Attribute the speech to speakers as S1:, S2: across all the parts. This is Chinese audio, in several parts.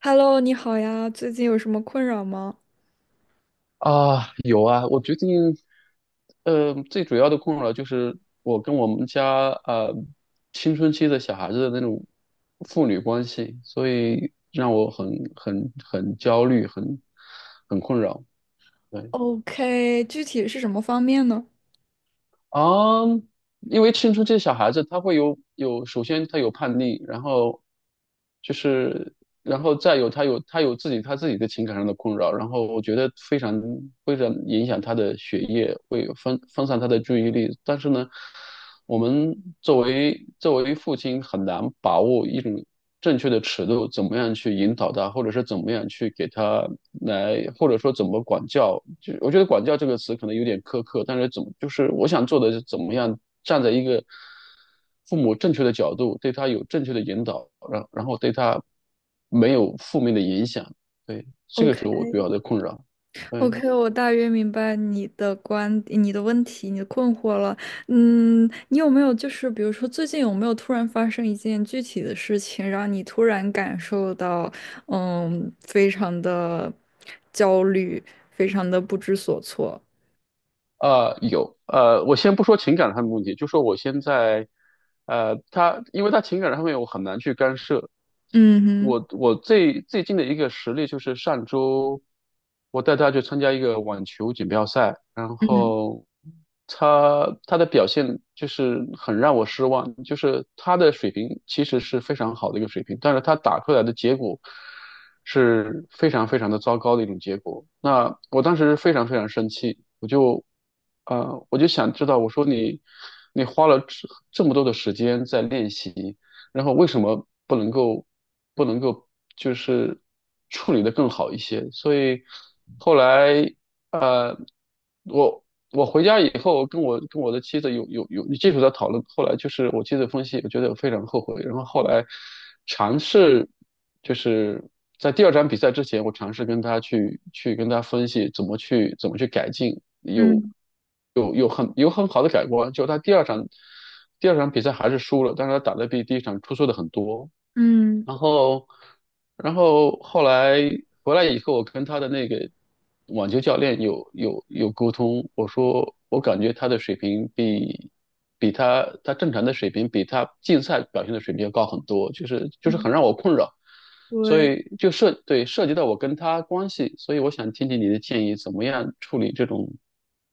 S1: Hello，你好呀，最近有什么困扰吗
S2: 啊，有啊，我最近，最主要的困扰就是我跟我们家青春期的小孩子的那种父女关系，所以让我很很焦虑，很困扰。对。
S1: ？OK，具体是什么方面呢
S2: 啊，因为青春期小孩子他会有，首先他有叛逆，然后就是，然后再有他有自己他自己的情感上的困扰，然后我觉得非常影响他的学业，会分散他的注意力。但是呢，我们作为父亲很难把握一种正确的尺度，怎么样去引导他，或者是怎么样去给他来，或者说怎么管教。就我觉得"管教"这个词可能有点苛刻，但是怎么就是我想做的是怎么样站在一个父母正确的角度，对他有正确的引导，然后对他没有负面的影响。对，这个是我比较的困扰。对。
S1: ？OK，OK，我大约明白你的问题、你的困惑了。嗯，你有没有就是比如说最近有没有突然发生一件具体的事情，让你突然感受到非常的焦虑，非常的不知所措？
S2: 有，我先不说情感上的问题，就说我现在，他，因为他情感上面我很难去干涉。
S1: 嗯
S2: 我
S1: 哼，
S2: 我最最近的一个实例就是上周，我带他去参加一个网球锦标赛，然
S1: 嗯
S2: 后他的表现就是很让我失望，就是他的水平其实是非常好的一个水平，但是他打出来的结果是非常的糟糕的一种结果。那我当时非常生气，我就想知道，我说你，你花了这么多的时间在练习，然后为什么不能够就是处理得更好一些？所以后来我回家以后跟我的妻子有技术在讨论，后来就是我妻子分析，我觉得我非常后悔。然后后来尝试就是在第二场比赛之前，我尝试跟他去跟他分析怎么去改进，有
S1: 嗯
S2: 有有很有很好的改观。就他第二场比赛还是输了，但是他打得比第一场出色的很多。
S1: 嗯
S2: 然后，然后后来回来以后，我跟他的那个网球教练有沟通，我说我感觉他的水平比比他正常的水平比他竞赛表现的水平要高很多，就是
S1: 嗯，
S2: 很让我困扰，所
S1: 对。
S2: 以就涉对涉及到我跟他关系，所以我想听听你的建议，怎么样处理这种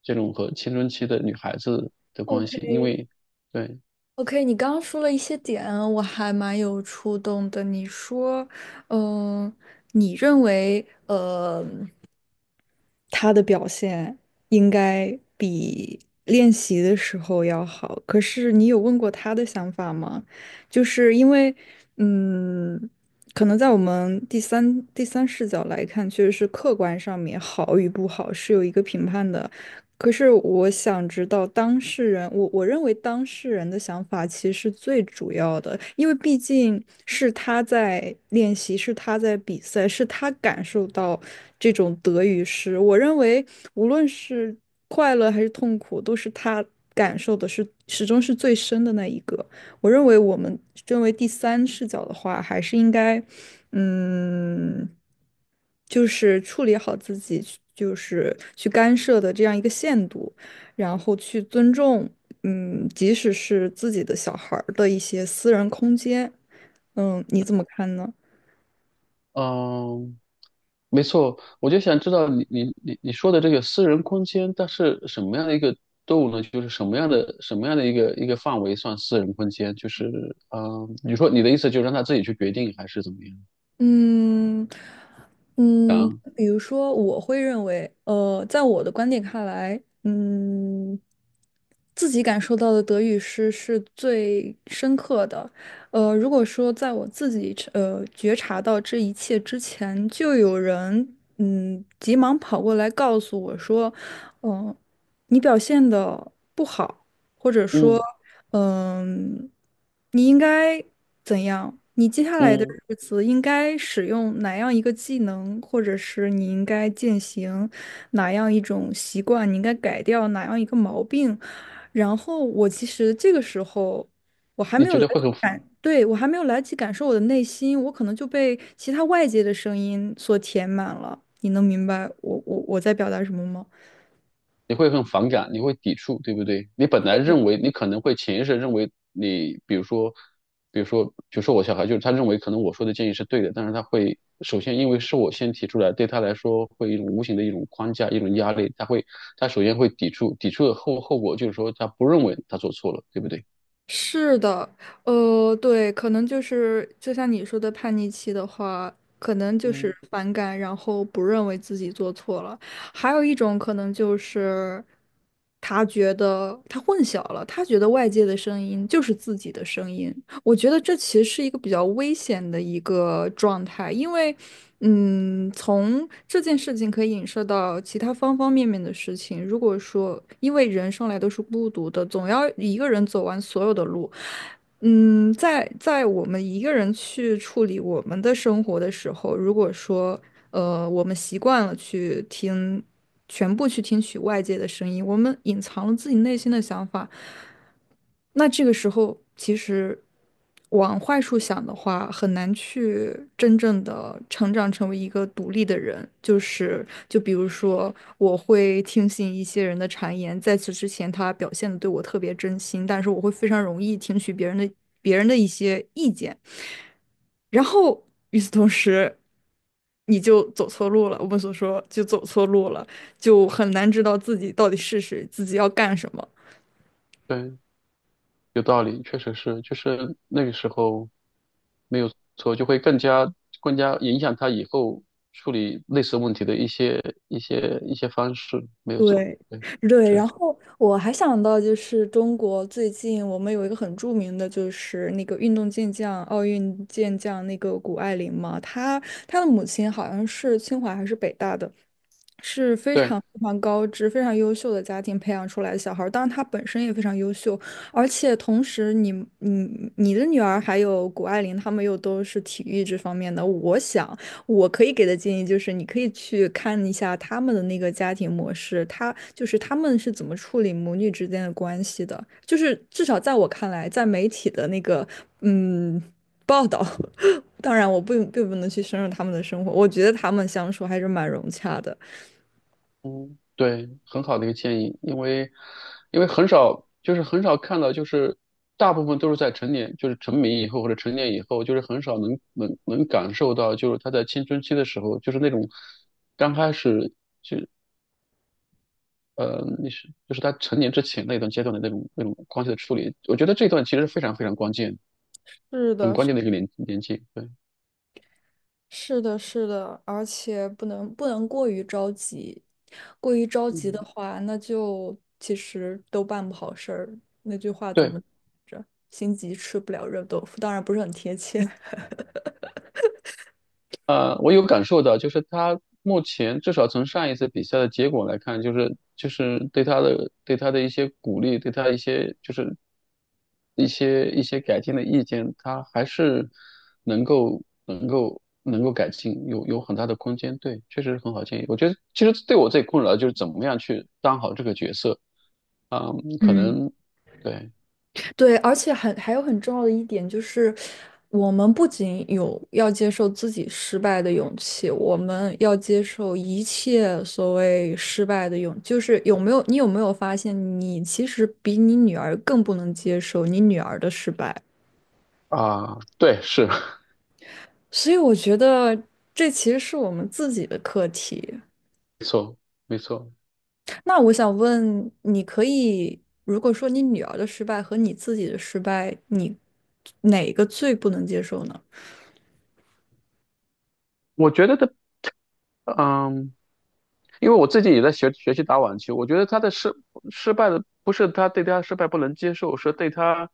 S2: 这种和青春期的女孩子的关系，因
S1: OK，
S2: 为对，
S1: OK，你刚刚说了一些点，我还蛮有触动的。你说，嗯、你认为，他的表现应该比练习的时候要好，可是你有问过他的想法吗？就是因为，嗯，可能在我们第三视角来看，确实是客观上面好与不好是有一个评判的。可是我想知道当事人，我认为当事人的想法其实是最主要的，因为毕竟是他在练习，是他在比赛，是他感受到这种得与失。我认为无论是快乐还是痛苦，都是他感受的是始终是最深的那一个。我认为我们身为第三视角的话，还是应该，嗯，就是处理好自己就是去干涉的这样一个限度，然后去尊重，嗯，即使是自己的小孩儿的一些私人空间，嗯，你怎么看呢？
S2: 嗯。没错，我就想知道你说的这个私人空间，它是什么样的一个度呢？就是什么样的一个范围算私人空间？就是你说你的意思就是让他自己去决定，还是怎么样？
S1: 嗯嗯，比如说，我会认为，在我的观点看来，嗯，自己感受到的德语诗是最深刻的。呃，如果说在我自己觉察到这一切之前，就有人急忙跑过来告诉我说，嗯、你表现的不好。或者说
S2: 嗯
S1: 嗯，你应该怎样？你接下来的
S2: 嗯，
S1: 日子应该使用哪样一个技能，或者是你应该践行哪样一种习惯，你应该改掉哪样一个毛病。然后我其实这个时候
S2: 你觉得会很
S1: 对，我还没有来得及感受我的内心，我可能就被其他外界的声音所填满了。你能明白我在表达什么吗？
S2: 你会很反感，你会抵触，对不对？你本来认为你可能会潜意识认为你，比如说，比如说，就说我小孩，就是他认为可能我说的建议是对的，但是他会首先因为是我先提出来，对他来说会一种无形的一种框架，一种压力，他首先会抵触，抵触的后果就是说他不认为他做错了，对不对？
S1: 是的，对，可能就是就像你说的叛逆期的话，可能就是
S2: 嗯，
S1: 反感，然后不认为自己做错了。还有一种可能就是他觉得他混淆了，他觉得外界的声音就是自己的声音。我觉得这其实是一个比较危险的一个状态，因为。嗯，从这件事情可以影射到其他方方面面的事情。如果说，因为人生来都是孤独的，总要一个人走完所有的路。嗯，在我们一个人去处理我们的生活的时候，如果说，我们习惯了去听，全部去听取外界的声音，我们隐藏了自己内心的想法。那这个时候，其实往坏处想的话，很难去真正的成长成为一个独立的人。就是，就比如说，我会听信一些人的谗言，在此之前，他表现的对我特别真心，但是我会非常容易听取别人的一些意见，然后与此同时，你就走错路了。我们所说就走错路了，就很难知道自己到底是谁，自己要干什么。
S2: 对，有道理，确实是，就是那个时候没有错，就会更加影响他以后处理类似问题的一些方式，没有错，
S1: 对，
S2: 对，
S1: 对，
S2: 是，
S1: 然后我还想到就是中国最近我们有一个很著名的，就是那个运动健将、奥运健将那个谷爱凌嘛，她的母亲好像是清华还是北大的，是非
S2: 对，
S1: 常非常高知、非常优秀的家庭培养出来的小孩儿当然他本身也非常优秀，而且同时你的女儿还有谷爱凌，她们又都是体育这方面的。我想我可以给的建议就是，你可以去看一下他们的那个家庭模式，他就是他们是怎么处理母女之间的关系的。就是至少在我看来，在媒体的那个嗯报道，当然我并不能去深入他们的生活，我觉得他们相处还是蛮融洽的。
S2: 嗯，对，很好的一个建议，因为因为很少，就是很少看到，就是大部分都是在成年，就是成名以后或者成年以后，就是很少能感受到，就是他在青春期的时候，就是那种刚开始。那是就是他成年之前那一段阶段的那种关系的处理，我觉得这段其实是非常关键，
S1: 是
S2: 很
S1: 的，
S2: 关
S1: 是
S2: 键的一个年纪。对，
S1: 是的，是的，而且不能过于着急，过于着急的
S2: 嗯，
S1: 话，那就其实都办不好事儿。那句话怎
S2: 对。
S1: 么着？心急吃不了热豆腐，当然不是很贴切。
S2: 我有感受到，就是他目前至少从上一次比赛的结果来看，就是对他的一些鼓励，对他一些就是一些改进的意见，他还是能够改进，有很大的空间。对，确实是很好建议。我觉得其实对我最困扰就是怎么样去当好这个角色嗯，可
S1: 嗯。
S2: 能对
S1: 对，而且很还有很重要的一点就是，我们不仅有要接受自己失败的勇气，我们要接受一切所谓失败的勇，就是有没有你有没有发现，你其实比你女儿更不能接受你女儿的失败，
S2: 啊，对，是
S1: 所以我觉得这其实是我们自己的课题。
S2: 没错。
S1: 那我想问，你可以如果说你女儿的失败和你自己的失败，你哪个最不能接受呢？
S2: 我觉得的，嗯。因为我自己也在学习打网球，我觉得他的失失败的不是他对他失败不能接受，是对他，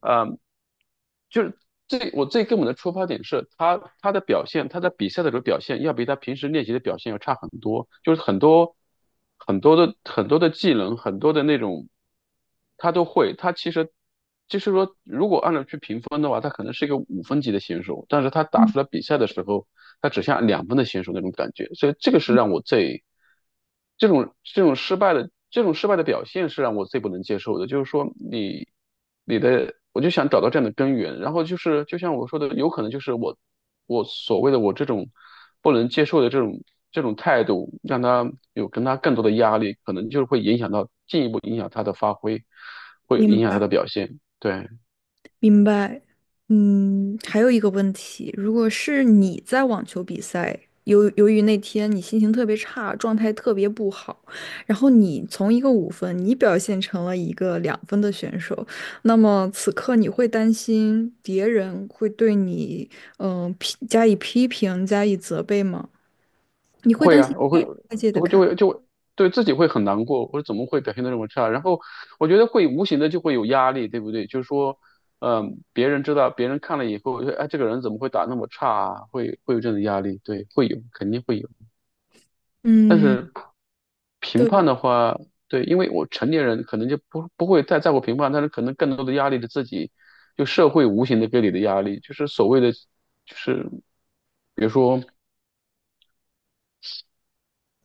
S2: 呃，就是最我最根本的出发点是他的表现，他在比赛的时候表现要比他平时练习的表现要差很多，就是很多很多的技能，很多的那种他都会，他其实就是说评分的话，他可能是一个五分级的选手，但是他打出来比赛的时候，他只像两分的选手那种感觉，所以这个是让我最这种失败的失败的表现是让我最不能接受的。就是说你你的，我就想找到这样的根源，然后就是就像我说的，有可能就是我所谓的我这种不能接受的这种态度，让他有跟他更多的压力，可能就是会影响到进一步影响他的发挥，会
S1: 明。
S2: 影响他的表现，对。
S1: 明白，嗯，还有一个问题，如果是你在网球比赛，由于那天你心情特别差，状态特别不好，然后你从一个五分，你表现成了一个两分的选手，那么此刻你会担心别人会对你，加以批评、加以责备吗？你会
S2: 会
S1: 担心
S2: 啊，我
S1: 被
S2: 会，
S1: 外界的
S2: 我就
S1: 看，
S2: 会就会对自己会很难过，或者怎么会表现的这么差？然后我觉得会无形的就会有压力，对不对？就是说，嗯、别人知道，别人看了以后，就哎，这个人怎么会打那么差啊？会有这种压力，对，会有，肯定会有。但
S1: 嗯，
S2: 是评
S1: 对。
S2: 判的话，对，因为我成年人可能就不会太在乎评判，但是可能更多的压力是自己，就社会无形的给你的压力，就是所谓的，就是比如说。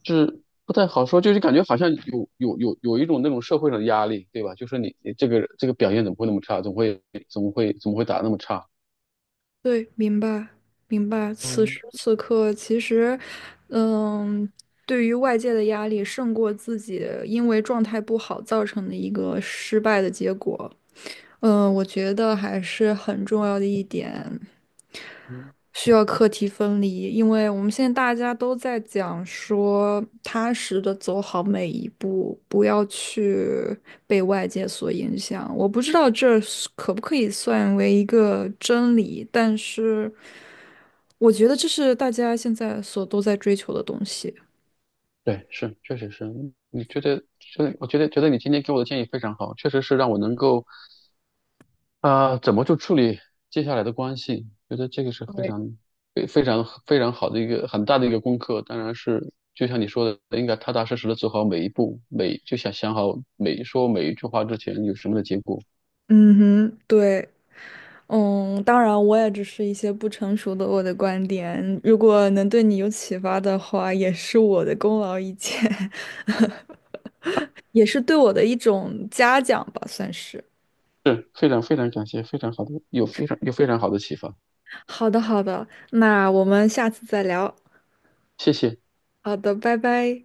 S2: 就是不太好说，就是感觉好像有一种那种社会上的压力，对吧？就说你你这个表现怎么会那么差，怎么会打那么差？
S1: 对，明白，明白。此时
S2: 嗯
S1: 此刻，其实，嗯，对于外界的压力胜过自己因为状态不好造成的一个失败的结果。嗯，我觉得还是很重要的一点，
S2: 嗯，
S1: 需要课题分离，因为我们现在大家都在讲说，踏实的走好每一步，不要去被外界所影响。我不知道这是可不可以算为一个真理，但是。我觉得这是大家现在所都在追求的东西。
S2: 对，是确实是，嗯你觉得我觉得你今天给我的建议非常好，确实是让我能够怎么去处理接下来的关系，觉得这个是非常非常好的一个很大的一个功课，当然是。就像你说的，应该踏踏实实的走好每一步，每就想想好每说每一句话之前有什么的结果。
S1: 嗯哼，对，嗯，当然，我也只是一些不成熟的我的观点。如果能对你有启发的话，也是我的功劳一件，也是对我的一种嘉奖吧，算是。
S2: 是非常感谢，非常好的，有非常好的启发，
S1: 好的，好的，那我们下次再聊。
S2: 谢谢。
S1: 好的，拜拜。